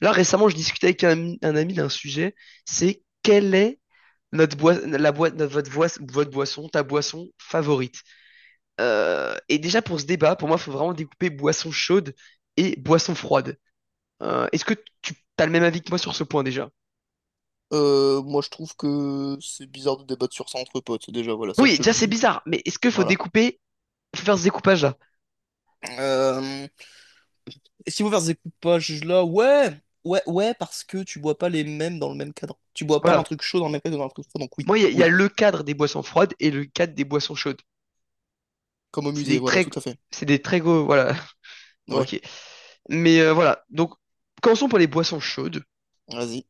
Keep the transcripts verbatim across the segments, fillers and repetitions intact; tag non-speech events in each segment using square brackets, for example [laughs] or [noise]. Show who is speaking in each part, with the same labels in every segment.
Speaker 1: Là, récemment, je discutais avec un, ami un ami d'un sujet, c'est quelle est notre boi- la boi- notre- votre, voice- votre boisson, ta boisson favorite? Euh, et déjà, pour ce débat, pour moi, il faut vraiment découper boisson chaude et boisson froide. Euh, est-ce que tu as le même avis que moi sur ce point déjà?
Speaker 2: Euh, moi, je trouve que c'est bizarre de débattre sur ça entre potes. Déjà, voilà, ça, je
Speaker 1: Oui,
Speaker 2: te le
Speaker 1: déjà, c'est
Speaker 2: dis.
Speaker 1: bizarre, mais est-ce qu'il faut
Speaker 2: Voilà.
Speaker 1: découper, faut faire ce découpage-là?
Speaker 2: Euh, et si vous faites des coupages là, ouais, ouais, ouais, parce que tu bois pas les mêmes dans le même cadre. Tu bois pas un
Speaker 1: Voilà.
Speaker 2: truc chaud dans le même cadre que dans un truc froid, donc oui,
Speaker 1: Moi, il y, a il y a
Speaker 2: oui.
Speaker 1: le cadre des boissons froides et le cadre des boissons chaudes.
Speaker 2: Comme au
Speaker 1: C'est
Speaker 2: musée,
Speaker 1: des
Speaker 2: voilà,
Speaker 1: très,
Speaker 2: tout à fait.
Speaker 1: c'est des très gros, voilà. [laughs] Bon,
Speaker 2: Ouais,
Speaker 1: ok. Mais euh, voilà. Donc, commençons par les boissons chaudes.
Speaker 2: vas-y.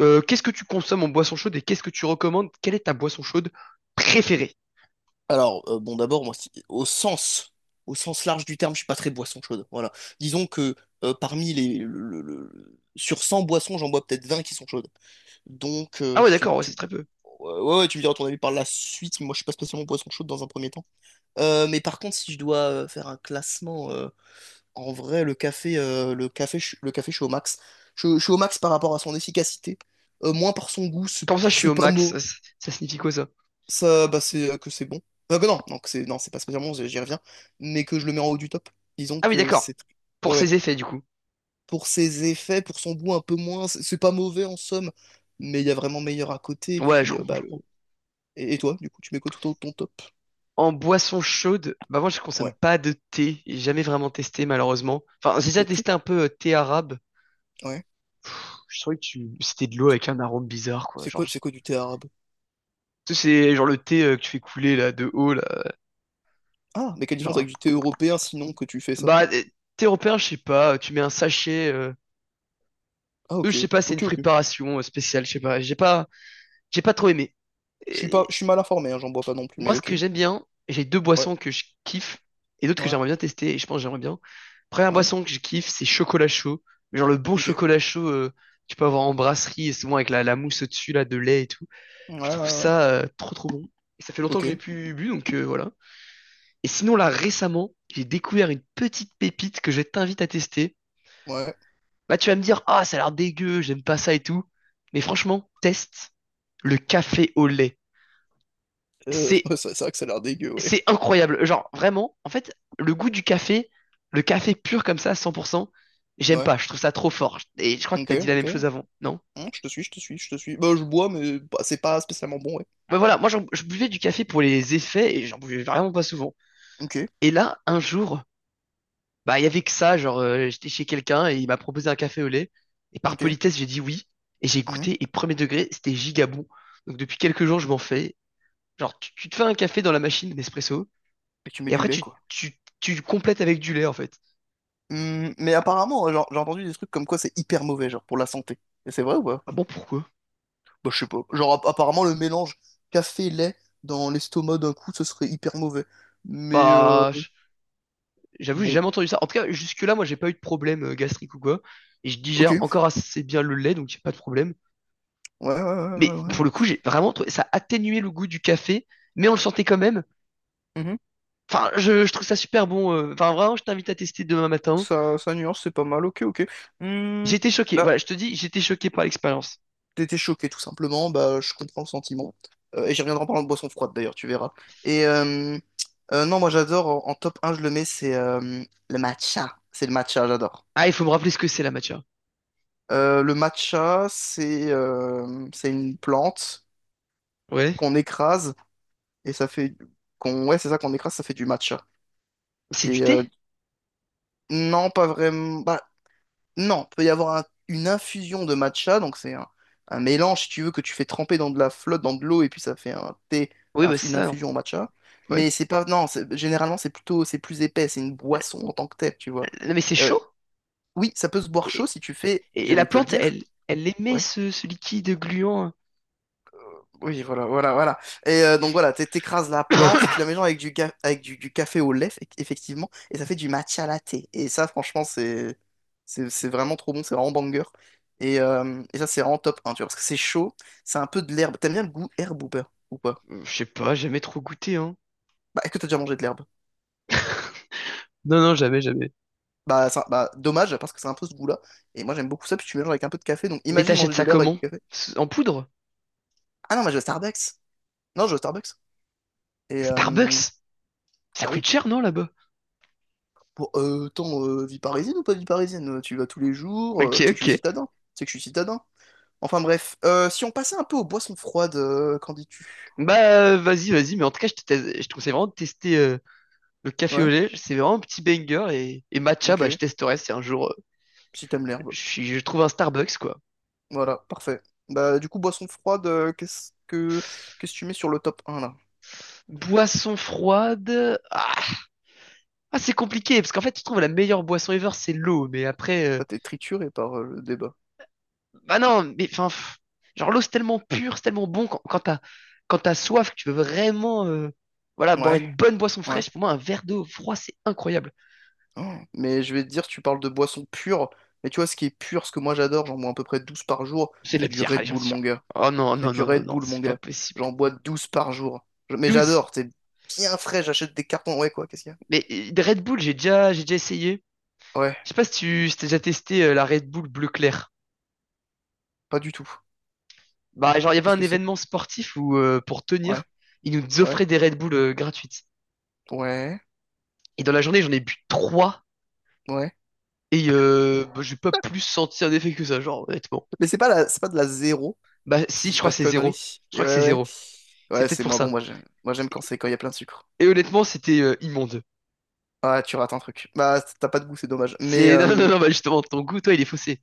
Speaker 1: Euh, qu'est-ce que tu consommes en boisson chaude et qu'est-ce que tu recommandes? Quelle est ta boisson chaude préférée?
Speaker 2: Alors, euh, bon, d'abord, moi, si- au sens, au sens large du terme, je suis pas très boisson chaude. Voilà. Disons que euh, parmi les, le- le- le- sur cent boissons, j'en bois peut-être vingt qui sont chaudes. Donc, euh,
Speaker 1: Ah
Speaker 2: je
Speaker 1: ouais,
Speaker 2: suis.
Speaker 1: d'accord, ouais, c'est
Speaker 2: Tu...
Speaker 1: très peu.
Speaker 2: Ouais, ouais, ouais, tu me diras ton avis par la suite. Moi, je suis pas spécialement poisson chaud dans un premier temps. Euh, mais par contre, si je dois euh, faire un classement, euh, en vrai, le café, euh, le café, je- le café, je suis au max. Je, je suis au max par rapport à son efficacité. Euh, moins par son goût. C'est
Speaker 1: Comment ça, je suis
Speaker 2: c'est
Speaker 1: au
Speaker 2: pas
Speaker 1: max? Ça,
Speaker 2: mot.
Speaker 1: ça- ça signifie quoi ça?
Speaker 2: Ça, bah, c'est euh, que c'est bon. Euh, Bah, que non, non, que c'est non, c'est pas spécialement. J'y j'y reviens. Mais que je le mets en haut du top. Disons
Speaker 1: Ah oui,
Speaker 2: que
Speaker 1: d'accord.
Speaker 2: c'est.
Speaker 1: Pour
Speaker 2: Ouais, ouais.
Speaker 1: ses effets, du coup.
Speaker 2: Pour ses effets, pour son goût un peu moins, c'est c'est pas mauvais en somme. Mais il y a vraiment meilleur à côté. Et
Speaker 1: Ouais, je
Speaker 2: puis, euh,
Speaker 1: comprends,
Speaker 2: bah.
Speaker 1: je comprends.
Speaker 2: Et, et toi, du coup, tu mets quoi tout en haut de ton top?
Speaker 1: En boisson chaude, bah moi je consomme
Speaker 2: Ouais.
Speaker 1: pas de thé, j'ai jamais vraiment testé malheureusement. Enfin, j'ai déjà
Speaker 2: Le thé?
Speaker 1: testé un peu euh, thé arabe.
Speaker 2: Ouais.
Speaker 1: Je trouvais que tu... c'était de l'eau avec un arôme bizarre quoi,
Speaker 2: C'est
Speaker 1: genre
Speaker 2: quoi,
Speaker 1: je sais
Speaker 2: c'est quoi
Speaker 1: pas.
Speaker 2: du thé arabe?
Speaker 1: Tu sais, c'est genre le thé euh, que tu fais couler là de haut là,
Speaker 2: Ah, mais quelle différence
Speaker 1: genre euh,
Speaker 2: avec du thé européen sinon que tu fais ça?
Speaker 1: bah euh, thé européen, je sais pas, tu mets un sachet euh,
Speaker 2: Ah,
Speaker 1: eux
Speaker 2: ok.
Speaker 1: je sais pas, c'est une
Speaker 2: Ok, ok.
Speaker 1: préparation euh, spéciale, je sais pas, j'ai pas j'ai pas trop aimé.
Speaker 2: Je suis pas, je suis mal informé, hein, j'en bois pas non plus, mais
Speaker 1: Moi, ce
Speaker 2: ok.
Speaker 1: que j'aime bien, j'ai deux
Speaker 2: Ouais,
Speaker 1: boissons que je kiffe et d'autres que
Speaker 2: ouais,
Speaker 1: j'aimerais bien tester et je pense que j'aimerais bien. Première
Speaker 2: ouais.
Speaker 1: boisson que je kiffe, c'est chocolat chaud. Mais genre le bon
Speaker 2: Ok.
Speaker 1: chocolat chaud, euh, tu peux avoir en brasserie et souvent avec la, la mousse au-dessus là de lait et tout.
Speaker 2: Ouais,
Speaker 1: Je trouve
Speaker 2: ouais, ouais.
Speaker 1: ça euh, trop trop bon. Et ça fait longtemps que
Speaker 2: Ok.
Speaker 1: je l'ai plus bu donc euh, voilà. Et sinon là récemment, j'ai découvert une petite pépite que je t'invite à tester.
Speaker 2: Ouais.
Speaker 1: Là tu vas me dire, ah ça a l'air dégueu, j'aime pas ça et tout. Mais franchement, teste le café au lait.
Speaker 2: Euh,
Speaker 1: C'est
Speaker 2: [laughs] c'est c'est vrai que ça a l'air dégueu, ouais.
Speaker 1: C'est incroyable. Genre, vraiment, en fait, le goût du café, le café pur comme ça, cent pour cent, j'aime
Speaker 2: Ouais.
Speaker 1: pas. Je trouve ça trop fort. Et je crois que
Speaker 2: Ok,
Speaker 1: t'as dit la
Speaker 2: ok.
Speaker 1: même chose avant, non?
Speaker 2: Hum, je te suis, je te suis, je te suis. Bah, je bois, mais bah, c'est pas spécialement bon, ouais.
Speaker 1: Bah voilà, moi, j'en- je buvais du café pour les effets et j'en buvais vraiment pas souvent.
Speaker 2: Ok,
Speaker 1: Et là, un jour, bah, il y avait que ça. Genre, euh, j'étais chez quelqu'un et il m'a proposé un café au lait. Et par
Speaker 2: ok.
Speaker 1: politesse, j'ai dit oui. Et j'ai
Speaker 2: Hum.
Speaker 1: goûté et premier degré, c'était giga bon. Donc, depuis quelques jours, je m'en fais. Genre, tu, tu te fais un café dans la machine Nespresso
Speaker 2: Et tu mets
Speaker 1: et
Speaker 2: du
Speaker 1: après,
Speaker 2: lait,
Speaker 1: tu,
Speaker 2: quoi.
Speaker 1: tu, tu complètes avec du lait, en fait.
Speaker 2: Hum, mais apparemment, genre, j'ai entendu des trucs comme quoi c'est hyper mauvais, genre, pour la santé. Et c'est vrai ou pas?
Speaker 1: Ah bon, pourquoi?
Speaker 2: Bah, je sais pas. Genre, app- apparemment, le mélange café-lait dans l'estomac d'un coup, ce serait hyper mauvais. Mais euh,
Speaker 1: Bah, j'avoue, j'ai
Speaker 2: bon,
Speaker 1: jamais entendu ça. En tout cas, jusque-là, moi, j'ai pas eu de problème euh, gastrique ou quoi. Et je digère
Speaker 2: ok.
Speaker 1: encore assez bien le lait, donc j'ai pas de problème.
Speaker 2: Ouais, ouais,
Speaker 1: Mais
Speaker 2: ouais, ouais,
Speaker 1: pour le coup, j'ai vraiment trouvé ça atténuait le goût du café, mais on le sentait quand même.
Speaker 2: ouais. Mhm.
Speaker 1: Enfin, je, je trouve ça super bon. euh. Enfin, vraiment, je t'invite à tester demain matin.
Speaker 2: Ça, ça nuance, c'est pas mal. Ok, ok. Hmm.
Speaker 1: J'étais choqué. Voilà,
Speaker 2: Bah,
Speaker 1: je te dis, j'étais choqué par l'expérience.
Speaker 2: t'étais choqué, tout simplement. Bah, je comprends le sentiment. Euh, et j'y reviendrai en parlant de boisson froide, d'ailleurs, tu verras. Et euh, euh, non, moi, j'adore. En, en top un je le mets, c'est euh, le matcha. C'est le matcha, j'adore.
Speaker 1: Ah, il faut me rappeler ce que c'est la matcha.
Speaker 2: Euh, le matcha, c'est euh, c'est une plante
Speaker 1: Ouais.
Speaker 2: qu'on écrase et ça fait qu'on, ouais, c'est ça, qu'on écrase, ça fait du matcha.
Speaker 1: C'est du
Speaker 2: Et
Speaker 1: thé?
Speaker 2: euh, non, pas vraiment. Bah non, peut y avoir un- une infusion de matcha, donc c'est un, un mélange, si tu veux, que tu fais tremper dans de la flotte, dans de l'eau, et puis ça fait un thé,
Speaker 1: Oui,
Speaker 2: un-
Speaker 1: bah c'est
Speaker 2: une
Speaker 1: ça. Non.
Speaker 2: infusion au matcha.
Speaker 1: Ouais.
Speaker 2: Mais c'est pas. Non, c'est- généralement c'est plutôt, c'est plus épais, c'est une boisson en tant que telle, tu vois.
Speaker 1: Non, mais c'est
Speaker 2: Euh,
Speaker 1: chaud.
Speaker 2: oui, ça peut se boire chaud
Speaker 1: Et,
Speaker 2: si tu fais,
Speaker 1: et- et la
Speaker 2: j'allais te le
Speaker 1: plante,
Speaker 2: dire,
Speaker 1: elle, elle émet
Speaker 2: ouais.
Speaker 1: ce, ce liquide gluant.
Speaker 2: Oui, voilà, voilà, voilà. Et euh, donc voilà, t'é- t'écrases la plante, tu
Speaker 1: [coughs]
Speaker 2: la mélanges avec du, ga- avec du, du café au lait, eff- effectivement, et ça fait du matcha latte. Et ça, franchement, c'est c'est c'est vraiment trop bon, c'est vraiment banger. Et, euh, et ça, c'est vraiment top un, tu vois, parce que c'est chaud, c'est un peu de l'herbe. T'aimes bien le goût herbe ou pas? Ou pas?
Speaker 1: Je sais pas, jamais trop goûté, hein.
Speaker 2: Bah, est-ce que t'as déjà mangé de l'herbe?
Speaker 1: Non, non, jamais, jamais.
Speaker 2: Bah, ça- bah, dommage, parce que c'est un peu ce goût-là. Et moi, j'aime beaucoup ça, puis tu mélanges avec un peu de café, donc
Speaker 1: Mais
Speaker 2: imagine
Speaker 1: t'achètes
Speaker 2: manger de
Speaker 1: ça
Speaker 2: l'herbe avec
Speaker 1: comment?
Speaker 2: du café.
Speaker 1: En poudre?
Speaker 2: Ah non, mais je vais au Starbucks. Non, je vais au Starbucks. Et euh,
Speaker 1: Starbucks? Ça
Speaker 2: bah oui.
Speaker 1: coûte cher, non, là-bas?
Speaker 2: Bon, euh, attends, euh, vie parisienne ou pas vie parisienne? Tu vas tous les jours,
Speaker 1: Ok,
Speaker 2: euh, tu sais que je
Speaker 1: ok.
Speaker 2: suis citadin, tu sais que je suis citadin. Enfin bref, Euh, si on passait un peu aux boissons froides, euh, qu'en dis-tu?
Speaker 1: Bah, euh, vas-y, vas-y. Mais en tout cas, je te, teste- je te conseille vraiment de tester euh, le café au
Speaker 2: Ouais,
Speaker 1: lait. C'est vraiment un petit banger. Et, et matcha,
Speaker 2: ok,
Speaker 1: bah, je testerai si un jour euh,
Speaker 2: si t'aimes l'herbe.
Speaker 1: je, suis- je trouve un Starbucks, quoi.
Speaker 2: Voilà, parfait. Bah du coup, boissons froides, euh, qu'est-ce que qu'est-ce que tu mets sur le top un là?
Speaker 1: Boisson froide. Ah, ah, c'est compliqué. Parce qu'en fait, tu trouves la meilleure boisson ever, c'est l'eau. Mais après, euh,
Speaker 2: T'as été trituré par euh, le débat.
Speaker 1: bah non, mais enfin, pff, genre l'eau c'est tellement pur, c'est tellement bon quand, quand t'as quand t'as soif, que tu veux vraiment euh, voilà, boire
Speaker 2: Ouais,
Speaker 1: une bonne boisson
Speaker 2: ouais.
Speaker 1: fraîche. Pour moi, un verre d'eau froid, c'est incroyable.
Speaker 2: Oh, mais je vais te dire, tu parles de boissons pures, mais tu vois, ce qui est pur, ce que moi j'adore, j'en bois à peu près douze par jour,
Speaker 1: C'est de
Speaker 2: c'est
Speaker 1: la
Speaker 2: du
Speaker 1: bière, allez,
Speaker 2: Red
Speaker 1: j'en
Speaker 2: Bull,
Speaker 1: suis
Speaker 2: mon
Speaker 1: sûr.
Speaker 2: gars.
Speaker 1: Oh non,
Speaker 2: C'est
Speaker 1: non,
Speaker 2: du
Speaker 1: non, non,
Speaker 2: Red
Speaker 1: non,
Speaker 2: Bull, mon
Speaker 1: c'est pas
Speaker 2: gars.
Speaker 1: possible.
Speaker 2: J'en bois douze par jour. Je- Mais
Speaker 1: Douze.
Speaker 2: j'adore, c'est bien frais, j'achète des cartons. Ouais, quoi, qu'est-ce qu'il y
Speaker 1: Mais euh, des Red Bull, j'ai déjà, j'ai déjà essayé.
Speaker 2: a? Ouais,
Speaker 1: Je sais pas si tu si t'as déjà testé euh, la Red Bull bleu clair.
Speaker 2: pas du tout.
Speaker 1: Bah, genre, il y avait
Speaker 2: Qu'est-ce
Speaker 1: un
Speaker 2: que c'est?
Speaker 1: événement sportif où, euh, pour tenir,
Speaker 2: Ouais,
Speaker 1: ils nous
Speaker 2: ouais,
Speaker 1: offraient des Red Bull euh, gratuites.
Speaker 2: ouais,
Speaker 1: Et dans la journée, j'en ai bu trois.
Speaker 2: ouais.
Speaker 1: Et euh, bah, j'ai pas plus senti un effet que ça, genre, honnêtement.
Speaker 2: Mais c'est pas la... c'est pas de la zéro,
Speaker 1: Bah
Speaker 2: si
Speaker 1: si,
Speaker 2: je
Speaker 1: je
Speaker 2: dis
Speaker 1: crois
Speaker 2: pas
Speaker 1: que
Speaker 2: de
Speaker 1: c'est zéro.
Speaker 2: conneries.
Speaker 1: Je
Speaker 2: Et
Speaker 1: crois que
Speaker 2: ouais,
Speaker 1: c'est
Speaker 2: ouais.
Speaker 1: zéro. C'est
Speaker 2: Ouais,
Speaker 1: peut-être
Speaker 2: c'est
Speaker 1: pour
Speaker 2: moi, bon,
Speaker 1: ça.
Speaker 2: moi j'aime moi, j'aime quand c'est quand il y a plein de sucre.
Speaker 1: Et honnêtement, c'était euh, immonde.
Speaker 2: Ah, tu rates un truc. Bah, t'as pas de goût, c'est dommage. Mais,
Speaker 1: C'est [laughs] non non
Speaker 2: euh,
Speaker 1: non, bah justement ton goût toi il est faussé.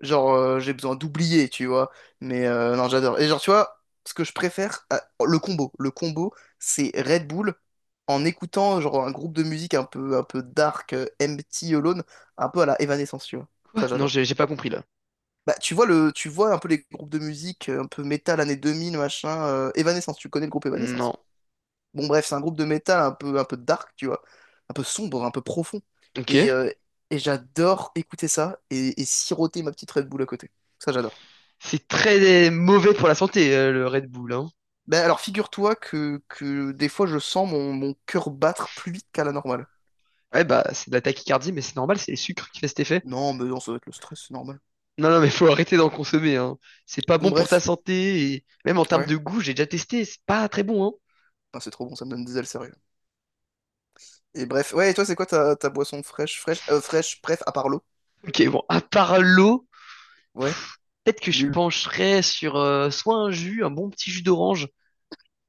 Speaker 2: genre, euh, j'ai besoin d'oublier, tu vois. Mais euh, non, j'adore. Et genre, tu vois, ce que je préfère, euh, le combo. Le combo, c'est Red Bull en écoutant genre un groupe de musique un peu, un peu dark, euh, Empty Alone, un peu à la Evanescence, tu vois. Ça,
Speaker 1: Quoi? Non,
Speaker 2: j'adore.
Speaker 1: j'ai j'ai pas compris là.
Speaker 2: Bah, tu vois, le, tu vois un peu les groupes de musique euh, un peu métal années deux mille machin. euh, Evanescence, tu connais le groupe
Speaker 1: Non.
Speaker 2: Evanescence. Bon, bref, c'est un groupe de métal un peu, un peu dark, tu vois. Un peu sombre, un peu profond. Et,
Speaker 1: OK.
Speaker 2: euh, et j'adore écouter ça et, et, siroter ma petite Red Bull à côté. Ça, j'adore.
Speaker 1: C'est très euh, mauvais pour la santé euh, le Red Bull hein.
Speaker 2: Ben alors figure-toi que, que des fois je sens mon, mon cœur battre plus vite qu'à la normale.
Speaker 1: Ouais bah c'est de la tachycardie mais c'est normal, c'est les sucres qui fait cet effet.
Speaker 2: Non, mais non, ça doit être le stress, c'est normal.
Speaker 1: Non non mais faut arrêter d'en consommer hein. C'est pas
Speaker 2: Bon
Speaker 1: bon pour ta
Speaker 2: bref,
Speaker 1: santé et même en termes
Speaker 2: ouais.
Speaker 1: de goût, j'ai déjà testé, c'est pas très bon hein.
Speaker 2: Putain, c'est trop bon, ça me donne des ailes sérieux. Et bref, ouais, et toi c'est quoi ta, ta boisson fraîche, fraîche, euh, fraîche, bref, à part l'eau?
Speaker 1: OK, bon, à part l'eau,
Speaker 2: Ouais,
Speaker 1: peut-être que je
Speaker 2: nul.
Speaker 1: pencherais sur euh, soit un jus, un bon petit jus d'orange.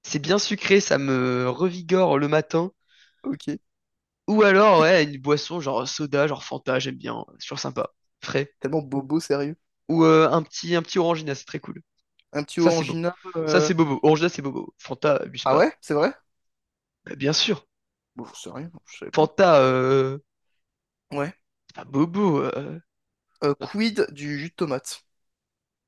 Speaker 1: C'est bien sucré, ça me revigore le matin.
Speaker 2: Ok.
Speaker 1: Ou alors, ouais, une boisson genre soda, genre Fanta, j'aime bien, c'est toujours sympa, frais.
Speaker 2: Tellement bobo sérieux.
Speaker 1: Ou euh, un petit, un petit Orangina, c'est très cool.
Speaker 2: Un petit
Speaker 1: Ça, c'est beau.
Speaker 2: orangina,
Speaker 1: Ça,
Speaker 2: euh...
Speaker 1: c'est bobo. Orangina, c'est bobo. Fanta, abuse
Speaker 2: Ah
Speaker 1: pas.
Speaker 2: ouais, c'est vrai?
Speaker 1: Euh, bien sûr.
Speaker 2: Bon, j'en sais rien, je savais pas.
Speaker 1: Fanta, euh,
Speaker 2: Ouais.
Speaker 1: c'est pas bobo. euh,
Speaker 2: Euh,
Speaker 1: notre-
Speaker 2: quid du jus de tomate?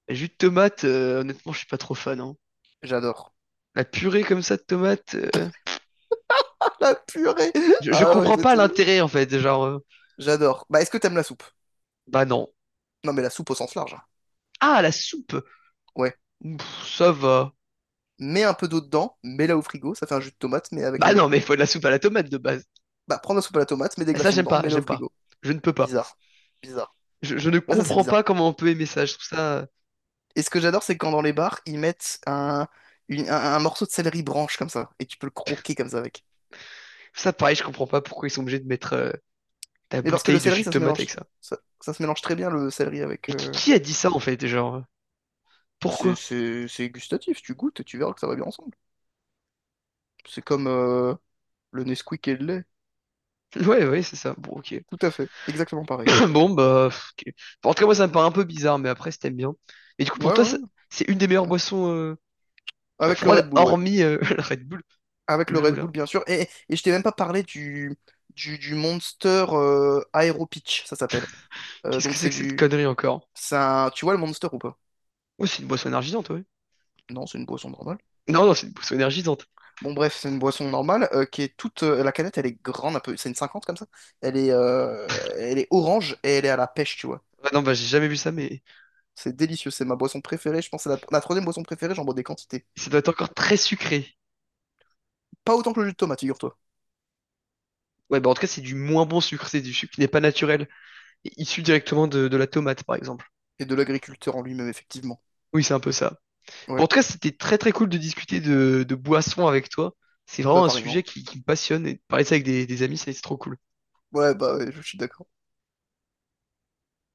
Speaker 1: jus de tomate, euh, honnêtement, je suis pas trop fan, hein.
Speaker 2: J'adore.
Speaker 1: La purée comme ça de tomate, euh,
Speaker 2: [laughs] La purée!
Speaker 1: je, je
Speaker 2: Ah ouais,
Speaker 1: comprends
Speaker 2: toi
Speaker 1: pas
Speaker 2: t'es.
Speaker 1: l'intérêt en fait. Genre, euh,
Speaker 2: J'adore. Bah est-ce que t'aimes la soupe?
Speaker 1: bah non.
Speaker 2: Non mais la soupe au sens large, hein.
Speaker 1: Ah, la soupe.
Speaker 2: Ouais.
Speaker 1: Pff, ça va.
Speaker 2: Mets un peu d'eau dedans, mets-la au frigo, ça fait un jus de tomate, mais avec
Speaker 1: Bah
Speaker 2: un autre
Speaker 1: non, mais
Speaker 2: goût.
Speaker 1: il faut de la soupe à la tomate de base.
Speaker 2: Bah, prends de la soupe à la tomate, mets des
Speaker 1: Et ça,
Speaker 2: glaçons
Speaker 1: j'aime
Speaker 2: dedans,
Speaker 1: pas,
Speaker 2: mets-la au
Speaker 1: j'aime pas.
Speaker 2: frigo.
Speaker 1: Je ne peux pas.
Speaker 2: Bizarre. Bizarre.
Speaker 1: Je, je ne
Speaker 2: Ouais, ça c'est
Speaker 1: comprends
Speaker 2: bizarre.
Speaker 1: pas comment on peut aimer ça. Je trouve ça, je
Speaker 2: Et ce que j'adore, c'est quand dans les bars, ils mettent un, une- un, un morceau de céleri branche comme ça, et tu peux le croquer comme ça avec.
Speaker 1: trouve ça pareil, je comprends pas pourquoi ils sont obligés de mettre euh, ta
Speaker 2: Mais parce que le
Speaker 1: bouteille de
Speaker 2: céleri,
Speaker 1: jus de
Speaker 2: ça se
Speaker 1: tomate avec
Speaker 2: mélange,
Speaker 1: ça.
Speaker 2: ça, ça se mélange très bien le céleri avec.
Speaker 1: Et qui,
Speaker 2: euh,
Speaker 1: qui a dit ça en fait? Genre, euh,
Speaker 2: C'est
Speaker 1: pourquoi? [laughs]
Speaker 2: c'est- c'est gustatif, tu goûtes et tu verras que ça va bien ensemble. C'est comme euh, le Nesquik et le lait.
Speaker 1: Ouais, ouais, c'est ça. Bon, ok.
Speaker 2: Tout à fait, exactement pareil.
Speaker 1: [clears throat] Bon, bah, ok. Enfin, en tout cas, moi, ça me paraît un peu bizarre, mais après, si t'aimes bien. Mais du coup, pour
Speaker 2: Ouais,
Speaker 1: toi,
Speaker 2: ouais,
Speaker 1: ça- c'est une des meilleures
Speaker 2: ouais.
Speaker 1: boissons euh,
Speaker 2: Avec le
Speaker 1: froides,
Speaker 2: Red Bull, ouais.
Speaker 1: hormis euh, [laughs] la Red Bull.
Speaker 2: Avec le
Speaker 1: Le
Speaker 2: Red
Speaker 1: là.
Speaker 2: Bull, bien sûr. Et, et je t'ai même pas parlé du, du, du Monster euh, Aero Peach, ça s'appelle. Euh,
Speaker 1: Qu'est-ce que
Speaker 2: donc
Speaker 1: c'est
Speaker 2: c'est
Speaker 1: que cette
Speaker 2: du...
Speaker 1: connerie encore?
Speaker 2: c'est un- tu vois le Monster ou pas?
Speaker 1: Oh, c'est une boisson énergisante, ouais.
Speaker 2: Non, c'est une boisson normale.
Speaker 1: Non, non, c'est une boisson énergisante.
Speaker 2: Bon, bref, c'est une boisson normale euh, qui est toute... euh, la canette, elle est grande un peu. C'est une cinquante comme ça. Elle est, euh, elle est orange et elle est à la pêche, tu vois.
Speaker 1: Ah non, bah, j'ai jamais vu ça, mais
Speaker 2: C'est délicieux. C'est ma boisson préférée. Je pense que c'est la, la troisième boisson préférée. J'en bois des quantités.
Speaker 1: ça doit être encore très sucré.
Speaker 2: Pas autant que le jus de tomate, figure-toi.
Speaker 1: Ouais, bah en tout cas, c'est du moins bon sucre, c'est du sucre qui n'est pas naturel, et issu directement de, de la tomate, par exemple.
Speaker 2: Et de l'agriculteur en lui-même, effectivement.
Speaker 1: Oui, c'est un peu ça.
Speaker 2: Ouais,
Speaker 1: Bon, en tout cas, c'était très très cool de discuter de, de boissons avec toi. C'est
Speaker 2: bah
Speaker 1: vraiment un sujet
Speaker 2: pareillement.
Speaker 1: qui, qui me passionne, et de parler de ça avec des, des amis, c'est c'est trop cool.
Speaker 2: Ouais, bah ouais, je suis d'accord.